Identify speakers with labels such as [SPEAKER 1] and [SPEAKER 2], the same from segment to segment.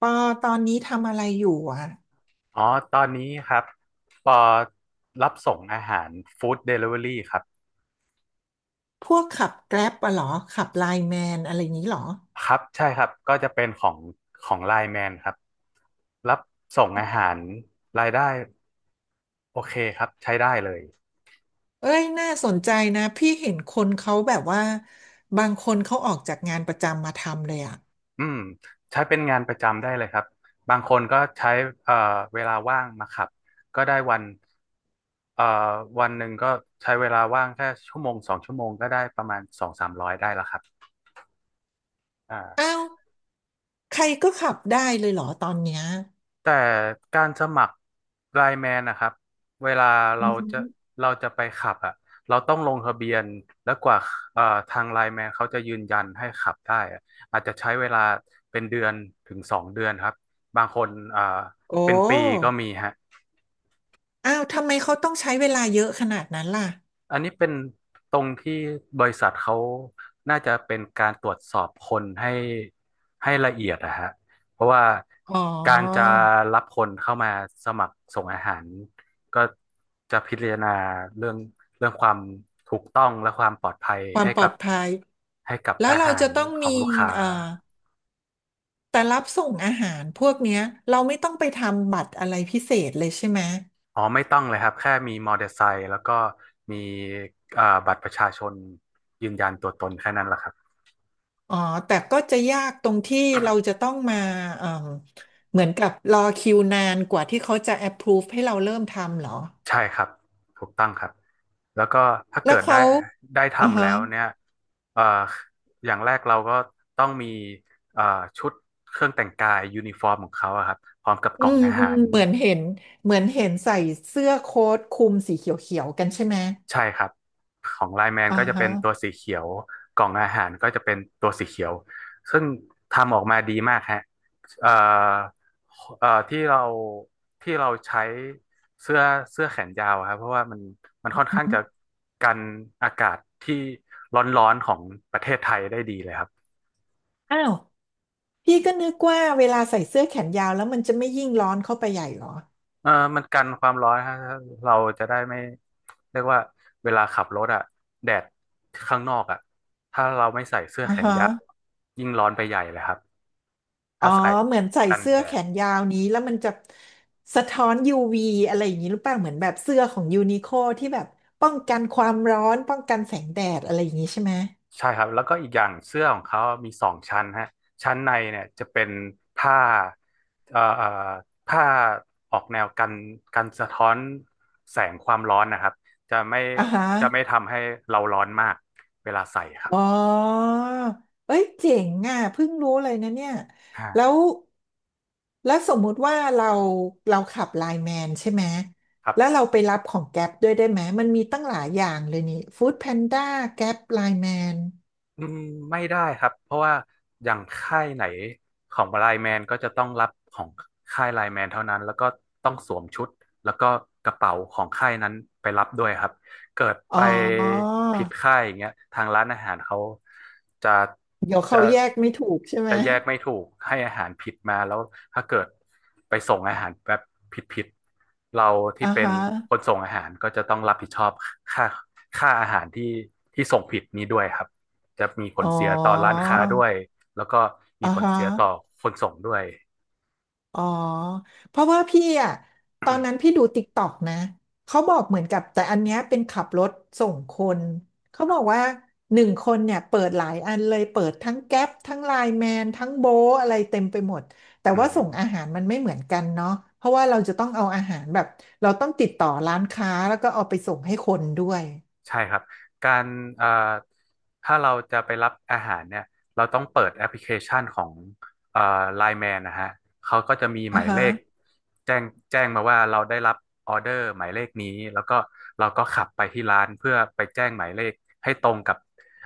[SPEAKER 1] ปอตอนนี้ทำอะไรอยู่อ่ะ
[SPEAKER 2] อ๋อตอนนี้ครับปอรับส่งอาหารฟู้ดเดลิเวอรี่ครับ
[SPEAKER 1] พวกขับแกร็บอะเหรอขับไลน์แมนอะไรนี้เหรอ
[SPEAKER 2] ครับใช่ครับก็จะเป็นของไลน์แมนครับรับส่งอาหารรายได้โอเคครับใช้ได้เลย
[SPEAKER 1] เอ้ยน่าสนใจนะพี่เห็นคนเขาแบบว่าบางคนเขาออกจากงานประจำมาทำเลยอ่ะ
[SPEAKER 2] อืมใช้เป็นงานประจำได้เลยครับบางคนก็ใช้เอ่อเวลาว่างมาขับก็ได้วันเอ่อวันหนึ่งก็ใช้เวลาว่างแค่ชั่วโมง2 ชั่วโมงก็ได้ประมาณสองสามร้อยได้แล้วครับอ่
[SPEAKER 1] อ้า
[SPEAKER 2] า
[SPEAKER 1] วใครก็ขับได้เลยเหรอตอนเนี้ย
[SPEAKER 2] แต่การสมัครไลน์แมนนะครับเวลา
[SPEAKER 1] อื
[SPEAKER 2] เรา
[SPEAKER 1] อหื
[SPEAKER 2] จะ
[SPEAKER 1] อ
[SPEAKER 2] เราจะไปขับอ่ะเราต้องลงทะเบียนแล้วกว่าเอ่อทางไลน์แมนเขาจะยืนยันให้ขับได้อะอาจจะใช้เวลาเป็นเดือนถึง2 เดือนครับบางคน
[SPEAKER 1] โอ้
[SPEAKER 2] เป็นปีก็มีฮะ
[SPEAKER 1] อ้าวทำไมเขาต้องใช้เวลาเยอะขนาดนั้นล่ะ
[SPEAKER 2] อันนี้เป็นตรงที่บริษัทเขาน่าจะเป็นการตรวจสอบคนให้ละเอียดนะฮะเพราะว่า
[SPEAKER 1] อ๋อ
[SPEAKER 2] การจะรับคนเข้ามาสมัครส่งอาหาร ก็จะพิจารณาเรื่องเรื่องความถูกต้องและความปลอดภัย
[SPEAKER 1] ความ
[SPEAKER 2] ให้
[SPEAKER 1] ปล
[SPEAKER 2] กั
[SPEAKER 1] อ
[SPEAKER 2] บ
[SPEAKER 1] ดภัย
[SPEAKER 2] ให้กับ
[SPEAKER 1] แล้ว
[SPEAKER 2] อา
[SPEAKER 1] เรา
[SPEAKER 2] หา
[SPEAKER 1] จะ
[SPEAKER 2] ร
[SPEAKER 1] ต้อง
[SPEAKER 2] ขอ
[SPEAKER 1] มี
[SPEAKER 2] งลูกค้า
[SPEAKER 1] เอ่อแต่รับส่งอาหารพวกเนี้ยเราไม่ต้องไปทำบัตรอะไรพิเศษเลยใช่ไหม
[SPEAKER 2] อ๋อไม่ต้องเลยครับแค่มีมอเตอร์ไซค์แล้วก็มีบัตรประชาชนยืนยันตัวตนแค่นั้นแหละครับ
[SPEAKER 1] อ๋อ แต่ก็จะยากตรงที่เราจะต้องมาเอ่มเหมือนกับรอคิวนานกว่าที่เขาจะ approve ให้เราเริ่มทำเหรอ
[SPEAKER 2] ใช่ครับถูกต้องครับแล้วก็ถ้า
[SPEAKER 1] แล้
[SPEAKER 2] เกิ
[SPEAKER 1] ว
[SPEAKER 2] ดได้
[SPEAKER 1] เขา
[SPEAKER 2] ได้
[SPEAKER 1] อ่า
[SPEAKER 2] ทำแล้
[SPEAKER 1] ฮะ
[SPEAKER 2] วเนี่ยเอ่ออย่างแรกเราก็ต้องมีเอ่อชุดเครื่องแต่งกายยูนิฟอร์มของเขาอะครับพร้อมกับก
[SPEAKER 1] อื
[SPEAKER 2] ล่อง
[SPEAKER 1] ม
[SPEAKER 2] อา
[SPEAKER 1] อื
[SPEAKER 2] หา
[SPEAKER 1] ม
[SPEAKER 2] ร
[SPEAKER 1] เหมือนเห็นใส่เสื้อโค้ทคลุมสีเขียวๆกันใช่ไหม
[SPEAKER 2] ใช่ครับของไลน์แมน
[SPEAKER 1] อ่า
[SPEAKER 2] ก็จะ
[SPEAKER 1] ฮะ
[SPEAKER 2] เป็นตัวสีเขียวกล่องอาหารก็จะเป็นตัวสีเขียวซึ่งทำออกมาดีมากฮะเอ่อเอ่อที่เราที่เราใช้เสื้อเสื้อแขนยาวอะครับเพราะว่ามัน
[SPEAKER 1] อ
[SPEAKER 2] ค่อน
[SPEAKER 1] ื
[SPEAKER 2] ข้างจะ
[SPEAKER 1] ม
[SPEAKER 2] กันอากาศที่ร้อนๆของประเทศไทยได้ดีเลยครับ
[SPEAKER 1] อ้าว พี่ก็นึกว่าเวลาใส่เสื้อแขนยาวแล้วมันจะไม่ยิ่งร้อนเข้าไปใหญ่เหรอ
[SPEAKER 2] เออมันกันความร้อนฮะเราจะได้ไม่เรียกว่าเวลาขับรถอะแดดข้างนอกอะถ้าเราไม่ใส่เสื้อ
[SPEAKER 1] อ่า
[SPEAKER 2] แขน
[SPEAKER 1] ฮะ
[SPEAKER 2] ยาวยิ่งร้อนไปใหญ่เลยครับ
[SPEAKER 1] อ๋
[SPEAKER 2] ถ้า
[SPEAKER 1] อ
[SPEAKER 2] ใส่
[SPEAKER 1] เหมือนใส่
[SPEAKER 2] กัน
[SPEAKER 1] เสื้
[SPEAKER 2] แด
[SPEAKER 1] อแข
[SPEAKER 2] ด
[SPEAKER 1] นยาวนี้แล้วมันจะสะท้อน UV อะไรอย่างนี้หรือเปล่าเหมือนแบบเสื้อของยูนิโคที่แบบป้องกันความร้อนป้องกันแสงแดดอะไรอย่างนี้ใช่ไหม
[SPEAKER 2] ใช่ครับแล้วก็อีกอย่างเสื้อของเขามี2 ชั้นฮะชั้นในเนี่ยจะเป็นผ้าเอ่อเอ่อผ้าออกแนวกันสะท้อนแสงความร้อนนะครับจะไม่
[SPEAKER 1] อ่าฮะ
[SPEAKER 2] จะไม่ทำให้เราร้อนมากเวลาใส่ครั
[SPEAKER 1] อ๋อ
[SPEAKER 2] บ
[SPEAKER 1] เอ้ยเจ๋งอ่ะเพิ่งรู้เลยนะเนี่ย
[SPEAKER 2] อ่า
[SPEAKER 1] แล้วแล้วสมมุติว่าเราขับไลน์แมนใช่ไหม
[SPEAKER 2] ครั
[SPEAKER 1] แล้วเรา
[SPEAKER 2] บ
[SPEAKER 1] ไปรับของแก๊ปด้วยได้ไหมมันมีตั้งหลายอย่างเลยนี่ฟู้ดแพนด้าแก๊ปไลน์แมน
[SPEAKER 2] อืมไม่ได้ครับเพราะว่าอย่างค่ายไหนของไลน์แมนก็จะต้องรับของค่ายไลน์แมนเท่านั้นแล้วก็ต้องสวมชุดแล้วก็กระเป๋าของค่ายนั้นไปรับด้วยครับเกิดไป
[SPEAKER 1] อ๋อ
[SPEAKER 2] ผิดค่ายอย่างเงี้ยทางร้านอาหารเขาจะ
[SPEAKER 1] เดี๋ยว
[SPEAKER 2] จะ
[SPEAKER 1] เขาแยกไม่ถูกใช่ไหม
[SPEAKER 2] จะแยกไม่ถูกให้อาหารผิดมาแล้วถ้าเกิดไปส่งอาหารแบบผิดๆเราที่
[SPEAKER 1] อ่า
[SPEAKER 2] เป็น
[SPEAKER 1] ฮะ
[SPEAKER 2] คนส่งอาหารก็จะต้องรับผิดชอบค่าค่าอาหารที่ส่งผิดนี้ด้วยครับ จะมีผ
[SPEAKER 1] อ๋
[SPEAKER 2] ล
[SPEAKER 1] อ
[SPEAKER 2] เสียต่อร้านค้าด้วยแล้วก็มี
[SPEAKER 1] อ่า
[SPEAKER 2] ผล
[SPEAKER 1] ฮะ
[SPEAKER 2] เสียต่อคนส่งด้วย
[SPEAKER 1] อ๋อเพราะว่าพี่อ่ะตอนนั้นพี่ดูติ๊กต็อกนะเขาบอกเหมือนกับแต่อันเนี้ยเป็นขับรถส่งคนเขา
[SPEAKER 2] ครั
[SPEAKER 1] บอก
[SPEAKER 2] บ
[SPEAKER 1] ว่า1 คนเนี่ยเปิดหลายอันเลยเปิดทั้งแก๊ปทั้งไลน์แมนทั้งโบทอะไรเต็มไปหมดแต่
[SPEAKER 2] อื
[SPEAKER 1] ว่าส่งอาหา
[SPEAKER 2] ม
[SPEAKER 1] รมันไม่เหมือนกันเนาะเพราะว่าเราจะต้องเอาอาหารแบบเราต้องติดต่อร้านค้าแล้วก็เอาไปส่งให้คนด้วย
[SPEAKER 2] ใช่ครับการเอ่อถ้าเราจะไปรับอาหารเนี่ยเราต้องเปิดแอปพลิเคชันของเอ่อไลน์แมนนะฮะเขาก็จะมีห
[SPEAKER 1] อ่า
[SPEAKER 2] มาย
[SPEAKER 1] ฮะ
[SPEAKER 2] เลขแจ้งแจ้งมาว่าเราได้รับออเดอร์หมายเลขนี้แล้วก็เราก็ขับไปที่ร้านเพื่อไปแจ้งหมายเลขให้ตรงกับ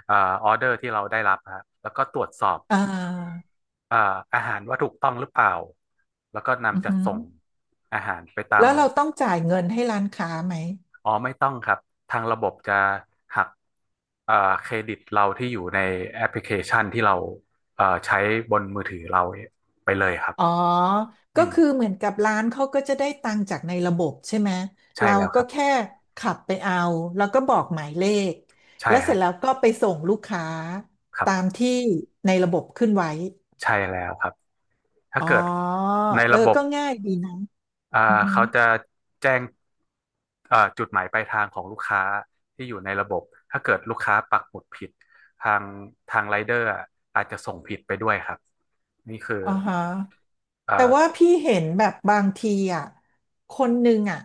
[SPEAKER 2] เอ่อออเดอร์ที่เราได้รับฮะแล้วก็ตรวจสอบ
[SPEAKER 1] อ่า
[SPEAKER 2] เอ่ออาหารว่าถูกต้องหรือเปล่าแล้วก็
[SPEAKER 1] อือ
[SPEAKER 2] นำจัด
[SPEAKER 1] ฮึ
[SPEAKER 2] ส่งอาหารไปตา
[SPEAKER 1] แล้
[SPEAKER 2] ม
[SPEAKER 1] วเราต้องจ่ายเงินให้ร้านค้าไหม
[SPEAKER 2] อ๋อไม่ต้องครับทางระบบจะหักเอ่อเครดิตเราที่อยู่ในแอปพลิเคชันที่เราใช้บนมือถือเราไปเลยครับ
[SPEAKER 1] อ๋อ
[SPEAKER 2] อื
[SPEAKER 1] ก็
[SPEAKER 2] ม
[SPEAKER 1] คือเหมือนกับร้านเขาก็จะได้ตังค์จากในระบบใช่ไหม
[SPEAKER 2] ใช่
[SPEAKER 1] เรา
[SPEAKER 2] แล้วค
[SPEAKER 1] ก็
[SPEAKER 2] รับ
[SPEAKER 1] แค่ขับไปเอาแล้วก็บอกหมายเลข
[SPEAKER 2] ใช่
[SPEAKER 1] แล้วเส
[SPEAKER 2] ฮะ
[SPEAKER 1] ร็จแล้วก็ไปส่งลูกค้า
[SPEAKER 2] ครั
[SPEAKER 1] ตาม
[SPEAKER 2] บ
[SPEAKER 1] ที่ในระบบขึ้นไว้
[SPEAKER 2] ใช่แล้วครับถ้า
[SPEAKER 1] อ๋อ
[SPEAKER 2] เกิดใน
[SPEAKER 1] เออ
[SPEAKER 2] ระบบ
[SPEAKER 1] ก็ง่ายดีนะ
[SPEAKER 2] อ่า
[SPEAKER 1] อือฮึ
[SPEAKER 2] เขาจะแจ้งจุดหมายปลายทางของลูกค้าที่อยู่ในระบบถ้าเกิดลูกค้าปักหมุดผิดทางทางไรเดอร์อาจจะส่งผิดไปด้วยครับนี่คือ
[SPEAKER 1] อ่าฮะ
[SPEAKER 2] เอ่
[SPEAKER 1] แต่ว่า
[SPEAKER 2] อ
[SPEAKER 1] พี่เห็นแบบบางทีอ่ะคนหนึ่งอ่ะ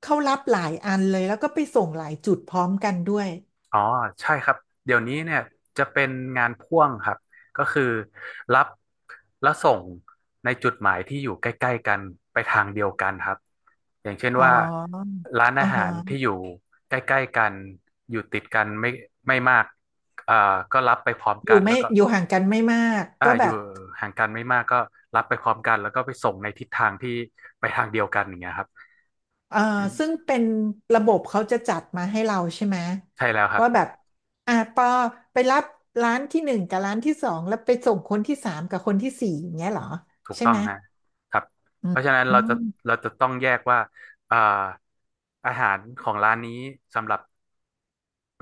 [SPEAKER 1] เขารับหลายอันเลยแล้วก็ไปส่งหลายจุดพร้อมกันด้วย
[SPEAKER 2] อ๋อใช่ครับเดี๋ยวนี้เนี่ยจะเป็นงานพ่วงครับก็คือรับและส่งในจุดหมายที่อยู่ใกล้ๆกันไปทางเดียวกันครับอย่างเช่น
[SPEAKER 1] อ๋อ
[SPEAKER 2] ว่าร้านอา
[SPEAKER 1] อ่า
[SPEAKER 2] หา
[SPEAKER 1] ฮะ
[SPEAKER 2] รที่อยู่ใกล้ๆกันอยู่ติดกันไม่มากอ่าก็รับไปพร้อม
[SPEAKER 1] อ
[SPEAKER 2] กั
[SPEAKER 1] ยู่
[SPEAKER 2] นแล้
[SPEAKER 1] ไม่
[SPEAKER 2] วก็
[SPEAKER 1] อยู่ห่างกันไม่มาก
[SPEAKER 2] อ่า
[SPEAKER 1] ก็
[SPEAKER 2] อ
[SPEAKER 1] แบ
[SPEAKER 2] ยู่
[SPEAKER 1] บ
[SPEAKER 2] ห่างกันไม่มากก็รับไปพร้อมกันแล้วก็ไปส่งในทิศทางที่ไปทางเดียวกันอย่างเงี้ยครับ
[SPEAKER 1] เอ่อซึ่งเป็นระบบเขาจะจัดมาให้เราใช่ไหม
[SPEAKER 2] ใช่แล้วครับ
[SPEAKER 1] ว่าแบบอ่ะปอไปรับร้านที่ 1 กับร้านที่ 2แล้วไปส่งคนที่ 3 กับคนที่ 4อย่างเงี้ยเหรอ
[SPEAKER 2] ถูก
[SPEAKER 1] ใช่
[SPEAKER 2] ต้อง
[SPEAKER 1] ไหม
[SPEAKER 2] ฮะครับ
[SPEAKER 1] อื
[SPEAKER 2] เพ
[SPEAKER 1] ม
[SPEAKER 2] ราะฉะนั้น
[SPEAKER 1] อื
[SPEAKER 2] เราจะ
[SPEAKER 1] ม
[SPEAKER 2] เราจะต้องแยกว่าอ่าอาหารของร้านนี้สำหรับ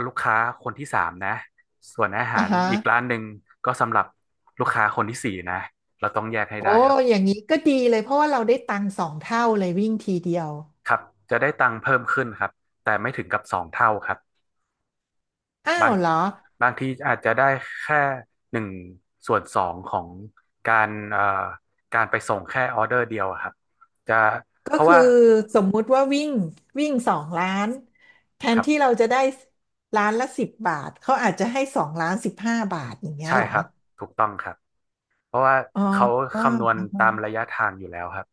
[SPEAKER 2] ลูกค้าคนที่สามนะ ส่วนอาหา
[SPEAKER 1] อ่ะ
[SPEAKER 2] ร
[SPEAKER 1] ฮะ
[SPEAKER 2] อีกร้านหนึ่งก็สำหรับลูกค้าคนที่สี่นะ เราต้องแยกให้
[SPEAKER 1] โอ้
[SPEAKER 2] ได้ครับ
[SPEAKER 1] อย่างนี้ก็ดีเลยเพราะว่าเราได้ตังค์สองเท่าเลยวิ่งทีเดียว
[SPEAKER 2] ครับ จะได้ตังค์เพิ่มขึ้นครับ แต่ไม่ถึงกับสองเท่าครับ
[SPEAKER 1] อ้า
[SPEAKER 2] บา
[SPEAKER 1] ว
[SPEAKER 2] ง
[SPEAKER 1] เหรอ
[SPEAKER 2] บางทีอาจจะได้แค่1/2ของการเอ่อการไปส่งแค่ออเดอร์เดียวอะครับจะ
[SPEAKER 1] ก็
[SPEAKER 2] เพราะ
[SPEAKER 1] คือ
[SPEAKER 2] ว่า
[SPEAKER 1] สมมุติว่าวิ่งวิ่งสองล้านแท
[SPEAKER 2] ค
[SPEAKER 1] น
[SPEAKER 2] รั
[SPEAKER 1] ที่
[SPEAKER 2] บ
[SPEAKER 1] เราจะได้ล้านละ 10 บาทเขาอาจจะให้2 ล้าน 15 บาทอย่างเงี้ย
[SPEAKER 2] ใช่
[SPEAKER 1] เหรอ
[SPEAKER 2] ครับถูกต้องครับ เพราะว่า
[SPEAKER 1] อ๋อ
[SPEAKER 2] เขา
[SPEAKER 1] อ๋อ
[SPEAKER 2] คำนวณ
[SPEAKER 1] อ่าฮะ
[SPEAKER 2] ตามระยะทางอยู่แล้วครับ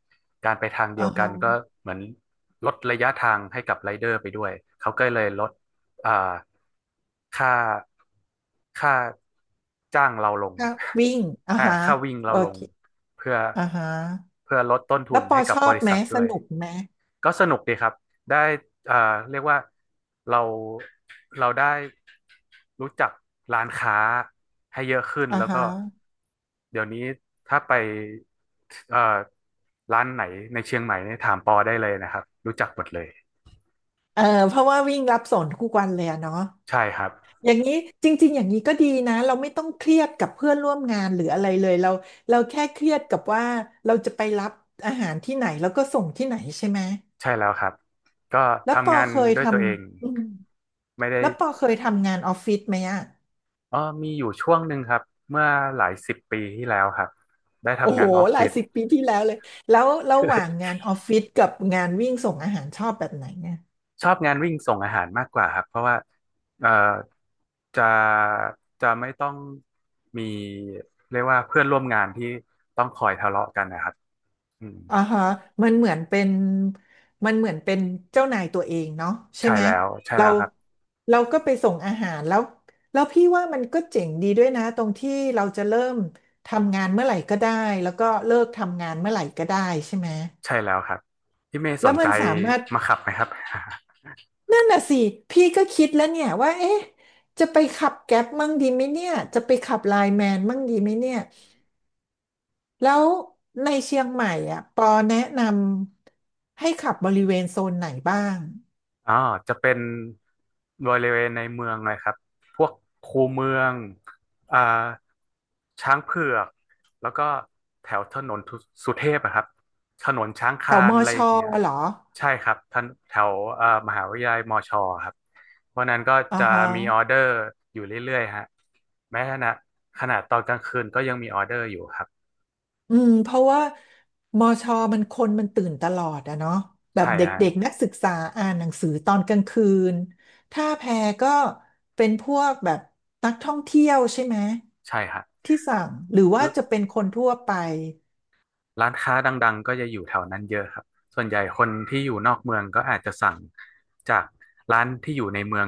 [SPEAKER 2] การไปทางเดี
[SPEAKER 1] อ่า
[SPEAKER 2] ยวกันก็
[SPEAKER 1] ฮะ
[SPEAKER 2] เหมือนลดระยะทางให้กับไรเดอร์ไปด้วย เขาก็เลยลดอ่าค่าค่าจ้างเราลง
[SPEAKER 1] ถ้าวิ่ง อ่าฮะ
[SPEAKER 2] ค่าวิ่งเรา
[SPEAKER 1] โอ
[SPEAKER 2] ลง
[SPEAKER 1] เค
[SPEAKER 2] เพื่อ
[SPEAKER 1] อ่าฮะ
[SPEAKER 2] เพื่อลดต้นทุ
[SPEAKER 1] แล้ว
[SPEAKER 2] น
[SPEAKER 1] ปอ
[SPEAKER 2] ให้กั
[SPEAKER 1] ช
[SPEAKER 2] บ
[SPEAKER 1] อ
[SPEAKER 2] บ
[SPEAKER 1] บ
[SPEAKER 2] ริ
[SPEAKER 1] ไหม
[SPEAKER 2] ษัท
[SPEAKER 1] ส
[SPEAKER 2] ด้วย
[SPEAKER 1] นุกไหม
[SPEAKER 2] ก็สนุกดีครับได้เรียกว่าเราเราได้รู้จักร้านค้าให้เยอะขึ้น
[SPEAKER 1] อ่า
[SPEAKER 2] แล้ว
[SPEAKER 1] ฮะ
[SPEAKER 2] ก็เดี๋ยวนี้ถ้าไปเอ่อร้านไหนในเชียงใหม่เนี่ยถามปอได้เลยนะครับรู้จักหมดเลย
[SPEAKER 1] เออเพราะว่าวิ่งรับส่งทุกวันเลยอะเนาะ
[SPEAKER 2] ใช่ครับ
[SPEAKER 1] อย่างนี้จริงๆอย่างนี้ก็ดีนะเราไม่ต้องเครียดกับเพื่อนร่วมงานหรืออะไรเลยเราแค่เครียดกับว่าเราจะไปรับอาหารที่ไหนแล้วก็ส่งที่ไหนใช่ไหม
[SPEAKER 2] ใช่แล้วครับก็
[SPEAKER 1] แล้วป
[SPEAKER 2] ทำ
[SPEAKER 1] อ
[SPEAKER 2] งาน
[SPEAKER 1] เคย
[SPEAKER 2] ด้ว
[SPEAKER 1] ท
[SPEAKER 2] ยตัวเอง
[SPEAKER 1] ำอืม
[SPEAKER 2] ไม่ได้
[SPEAKER 1] แล้วปอเคยทำงานออฟฟิศไหมอะ
[SPEAKER 2] อ๋อมีอยู่ช่วงหนึ่งครับเมื่อหลายสิบปีที่แล้วครับได้
[SPEAKER 1] โอ้
[SPEAKER 2] ทำ
[SPEAKER 1] โห
[SPEAKER 2] งานออฟ
[SPEAKER 1] หลา
[SPEAKER 2] ฟิ
[SPEAKER 1] ย
[SPEAKER 2] ศ
[SPEAKER 1] สิบปีที่แล้วเลยแล้วระหว่างงานออฟฟิศกับงานวิ่งส่งอาหารชอบแบบไหนไง
[SPEAKER 2] ชอบงานวิ่งส่งอาหารมากกว่าครับเพราะว่าเอ่อ จะจะไม่ต้องมีเรียกว่าเพื่อนร่วมงานที่ต้องคอยทะเลาะกันนะครับอืม
[SPEAKER 1] อ่าฮะมันเหมือนเป็นมันเหมือนเป็นเจ้านายตัวเองเนาะใช่
[SPEAKER 2] ใช่
[SPEAKER 1] ไหม
[SPEAKER 2] แล้วใช่
[SPEAKER 1] เรา
[SPEAKER 2] แล้วครับ
[SPEAKER 1] เราก็ไปส่งอาหารแล้วแล้วพี่ว่ามันก็เจ๋งดีด้วยนะตรงที่เราจะเริ่มทำงานเมื่อไหร่ก็ได้แล้วก็เลิกทำงานเมื่อไหร่ก็ได้ใช่ไหม
[SPEAKER 2] ใช่แล้วครับพี่เมย์ส
[SPEAKER 1] แล้ว
[SPEAKER 2] น
[SPEAKER 1] มั
[SPEAKER 2] ใจ
[SPEAKER 1] นสามารถ
[SPEAKER 2] มาขับไหมครับ
[SPEAKER 1] นั่นน่ะสิพี่ก็คิดแล้วเนี่ยว่าเอ๊ะจะไปขับแก๊ปมั่งดีไหมเนี่ยจะไปขับไลน์แมนมั่งดีไหมเนี่ยแล้วในเชียงใหม่อ่ะปอแนะนำให้ขับบริเวณโซนไหนบ้าง
[SPEAKER 2] อ่าจะเป็นบริเวณในเมืองเลยครับพวกคูเมืองอ่าช้างเผือกแล้วก็แถวถนนทุสุเทพอะครับถนนช้าง
[SPEAKER 1] แถ
[SPEAKER 2] คา
[SPEAKER 1] ว
[SPEAKER 2] น
[SPEAKER 1] มอ
[SPEAKER 2] อะไร
[SPEAKER 1] ช
[SPEAKER 2] อ
[SPEAKER 1] อ
[SPEAKER 2] ย่างเงี้ย
[SPEAKER 1] เหรอ
[SPEAKER 2] ใช่ครับท่านแถวมหาวิทยาลัยมอชอครับเพราะนั้นก็
[SPEAKER 1] อ่า
[SPEAKER 2] จะ
[SPEAKER 1] ฮะ
[SPEAKER 2] มีออเดอร์อยู่เรื่อยๆฮะแม้ขณะขนาดตอนกลางคืนก็ยังมีออเดอร์อยู่ครับ
[SPEAKER 1] อืมเพราะว่ามอชอมันคนมันตื่นตลอดอะเนาะแบบ
[SPEAKER 2] ใช่
[SPEAKER 1] เด
[SPEAKER 2] ฮะ
[SPEAKER 1] ็กๆนักศึกษาอ่านหนังสือตอนกลางคืนท่าแพก็เป็นพวกแบบนักท่องเที่ยวใช่ไหม
[SPEAKER 2] ใช่ฮะ
[SPEAKER 1] ที่สั่งหรือว่าจะเป็นคนทั่วไป
[SPEAKER 2] ร้านค้าดังๆก็จะอยู่แถวนั้นเยอะครับส่วนใหญ่คนที่อยู่นอกเมืองก็อาจจะสั่งจากร้านที่อยู่ในเมือง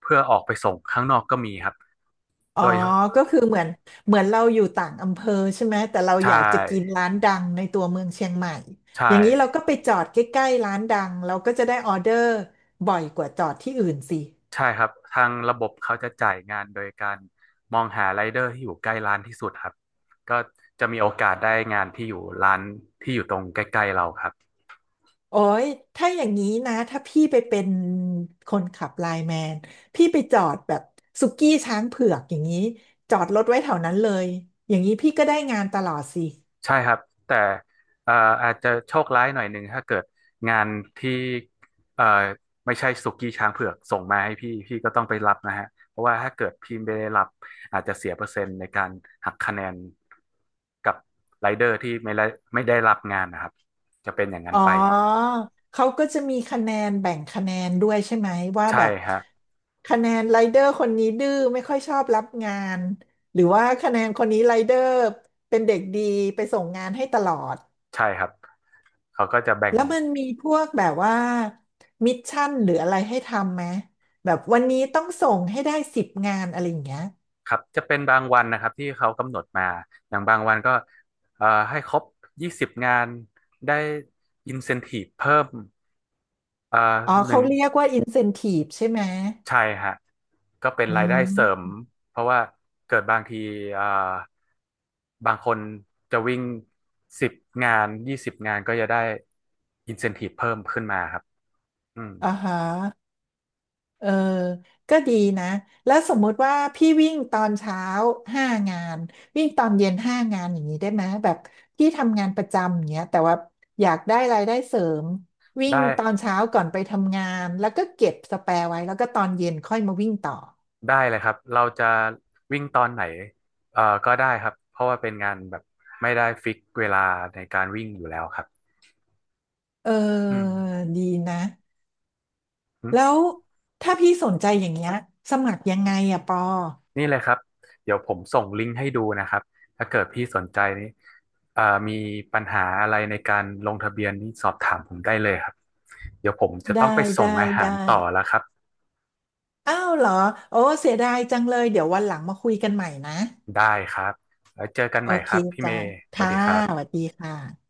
[SPEAKER 2] เพื่อออกไปส่งข้างนอกก็มีครับ
[SPEAKER 1] อ๋อ
[SPEAKER 2] โดย
[SPEAKER 1] ก็คือเหมือนเราอยู่ต่างอำเภอใช่ไหม แต่เรา
[SPEAKER 2] ใช
[SPEAKER 1] อยากจะกิน
[SPEAKER 2] ่
[SPEAKER 1] ร้านดังในตัวเมืองเชียงใหม่
[SPEAKER 2] ใช่
[SPEAKER 1] อย่างนี้เราก็ไปจอดใกล้ๆร้านดังเราก็จะได้ออเดอร์บ่อยกว่าจอดที่อื่นสิ
[SPEAKER 2] ใช่ครับทางระบบเขาจะจ่ายงานโดยการมองหาไรเดอร์ที่อยู่ใกล้ร้านที่สุดครับก็จะมีโอกาสได้งานที่อยู่ร้านที่อยู่ตรงใกล้ๆเราครับ
[SPEAKER 1] โอ้ยถ้าอย่างนี้นะ ถ้าพี่ไปเป็นคนขับไลน์แมนพี่ไปจอดแบบสุกี้ช้างเผือกอย่างนี้จอดรถไว้แถวนั้นเลย อย่างนี้พี่ก็ได้งานตลอดสิ
[SPEAKER 2] ใช่ครับแต่เอ่ออาจจะโชคร้ายหน่อยหนึ่งถ้าเกิดงานที่เอ่อไม่ใช่สุกี้ช้างเผือกส่งมาให้พี่พี่ก็ต้องไปรับนะฮะเพราะว่าถ้าเกิดพี่ไม่ได้รับอาจจะเสียเปอร์เซ็นต์ในการหักคะแนนกับไรเดอร์ที่ไม่ได้รับงานนะครับจะเป็นอย่างนั้
[SPEAKER 1] อ๋
[SPEAKER 2] น
[SPEAKER 1] อ
[SPEAKER 2] ไป
[SPEAKER 1] เขาก็จะมีคะแนนแบ่งคะแนนด้วยใช่ไหมว่า
[SPEAKER 2] ใช่
[SPEAKER 1] แบบ
[SPEAKER 2] ฮะ
[SPEAKER 1] คะแนนไรเดอร์คนนี้ดื้อไม่ค่อยชอบรับงานหรือว่าคะแนนคนนี้ไรเดอร์เป็นเด็กดีไปส่งงานให้ตลอด
[SPEAKER 2] ใช่ครับเขาก็จะแบ่ง
[SPEAKER 1] แล้วมันมีพวกแบบว่ามิชชั่นหรืออะไรให้ทำไหมแบบวันนี้ต้องส่งให้ได้10 งานอะไรอย่างเงี้ย
[SPEAKER 2] ครับจะเป็นบางวันนะครับที่เขากำหนดมาอย่างบางวันก็ให้ครบยี่สิบงานได้อินเซนทีฟเพิ่มเอ่อ
[SPEAKER 1] อ๋อ
[SPEAKER 2] หนึ่
[SPEAKER 1] เขา
[SPEAKER 2] ง
[SPEAKER 1] เรียกว่าอินเซน i ี e ใช่ไหม
[SPEAKER 2] ใช่ฮะก็เป็น
[SPEAKER 1] อื
[SPEAKER 2] รายได้เสริม
[SPEAKER 1] ม
[SPEAKER 2] เพราะว่าเกิดบางทีเอ่อบางคนจะวิ่ง10 งาน 20 งานก็จะได้อินเซนทีฟเพิ่มขึ้นมาครับอืม
[SPEAKER 1] อ่าฮะเออก็ดีนะแล้วสมมุติว่าพี่วิ่งตอนเช้าห้างานวิ่งตอนเย็นห้างานอย่างนี้ได้ไหมแบบพี่ทำงานประจำอย่างเงี้ยแต่ว่าอยากได้รายได้เสริมวิ่ง
[SPEAKER 2] ได้
[SPEAKER 1] ตอนเช้าก่อนไปทำงานแล้วก็เก็บสแปร์ไว้แล้วก็ตอนเย็นค่อยมาวิ่งต่อ
[SPEAKER 2] ได้เลยครับเราจะวิ่งตอนไหนก็ได้ครับเพราะว่าเป็นงานแบบไม่ได้ฟิกเวลาในการวิ่งอยู่แล้วครับ
[SPEAKER 1] เ
[SPEAKER 2] อื
[SPEAKER 1] ออ
[SPEAKER 2] มอ
[SPEAKER 1] ดีนะ
[SPEAKER 2] ื
[SPEAKER 1] แล้
[SPEAKER 2] ม
[SPEAKER 1] วถ้าพี่สนใจอย่างเงี้ยสมัครยังไงอะปอ
[SPEAKER 2] นี่เลยครับเดี๋ยวผมส่งลิงก์ให้ดูนะครับถ้าเกิดพี่สนใจนี้เอ่อมีปัญหาอะไรในการลงทะเบียนนี่สอบถามผมได้เลยครับเดี๋ยวผมจะ
[SPEAKER 1] ได้
[SPEAKER 2] ต้องไปส่ง
[SPEAKER 1] ได้
[SPEAKER 2] อาหา
[SPEAKER 1] ได้
[SPEAKER 2] รต่อแล้วครับ
[SPEAKER 1] อ้าวเหรอโอ้เสียดายจังเลยเดี๋ยววันหลังมาคุยกันใหม่นะ
[SPEAKER 2] ได้ครับแล้วเจอกัน
[SPEAKER 1] โอ
[SPEAKER 2] ใหม่
[SPEAKER 1] เค
[SPEAKER 2] ครับพี่เม
[SPEAKER 1] จ้า
[SPEAKER 2] ย์สวัส
[SPEAKER 1] ค่ะ
[SPEAKER 2] ดีครั
[SPEAKER 1] สวั
[SPEAKER 2] บ
[SPEAKER 1] สดีค่ะ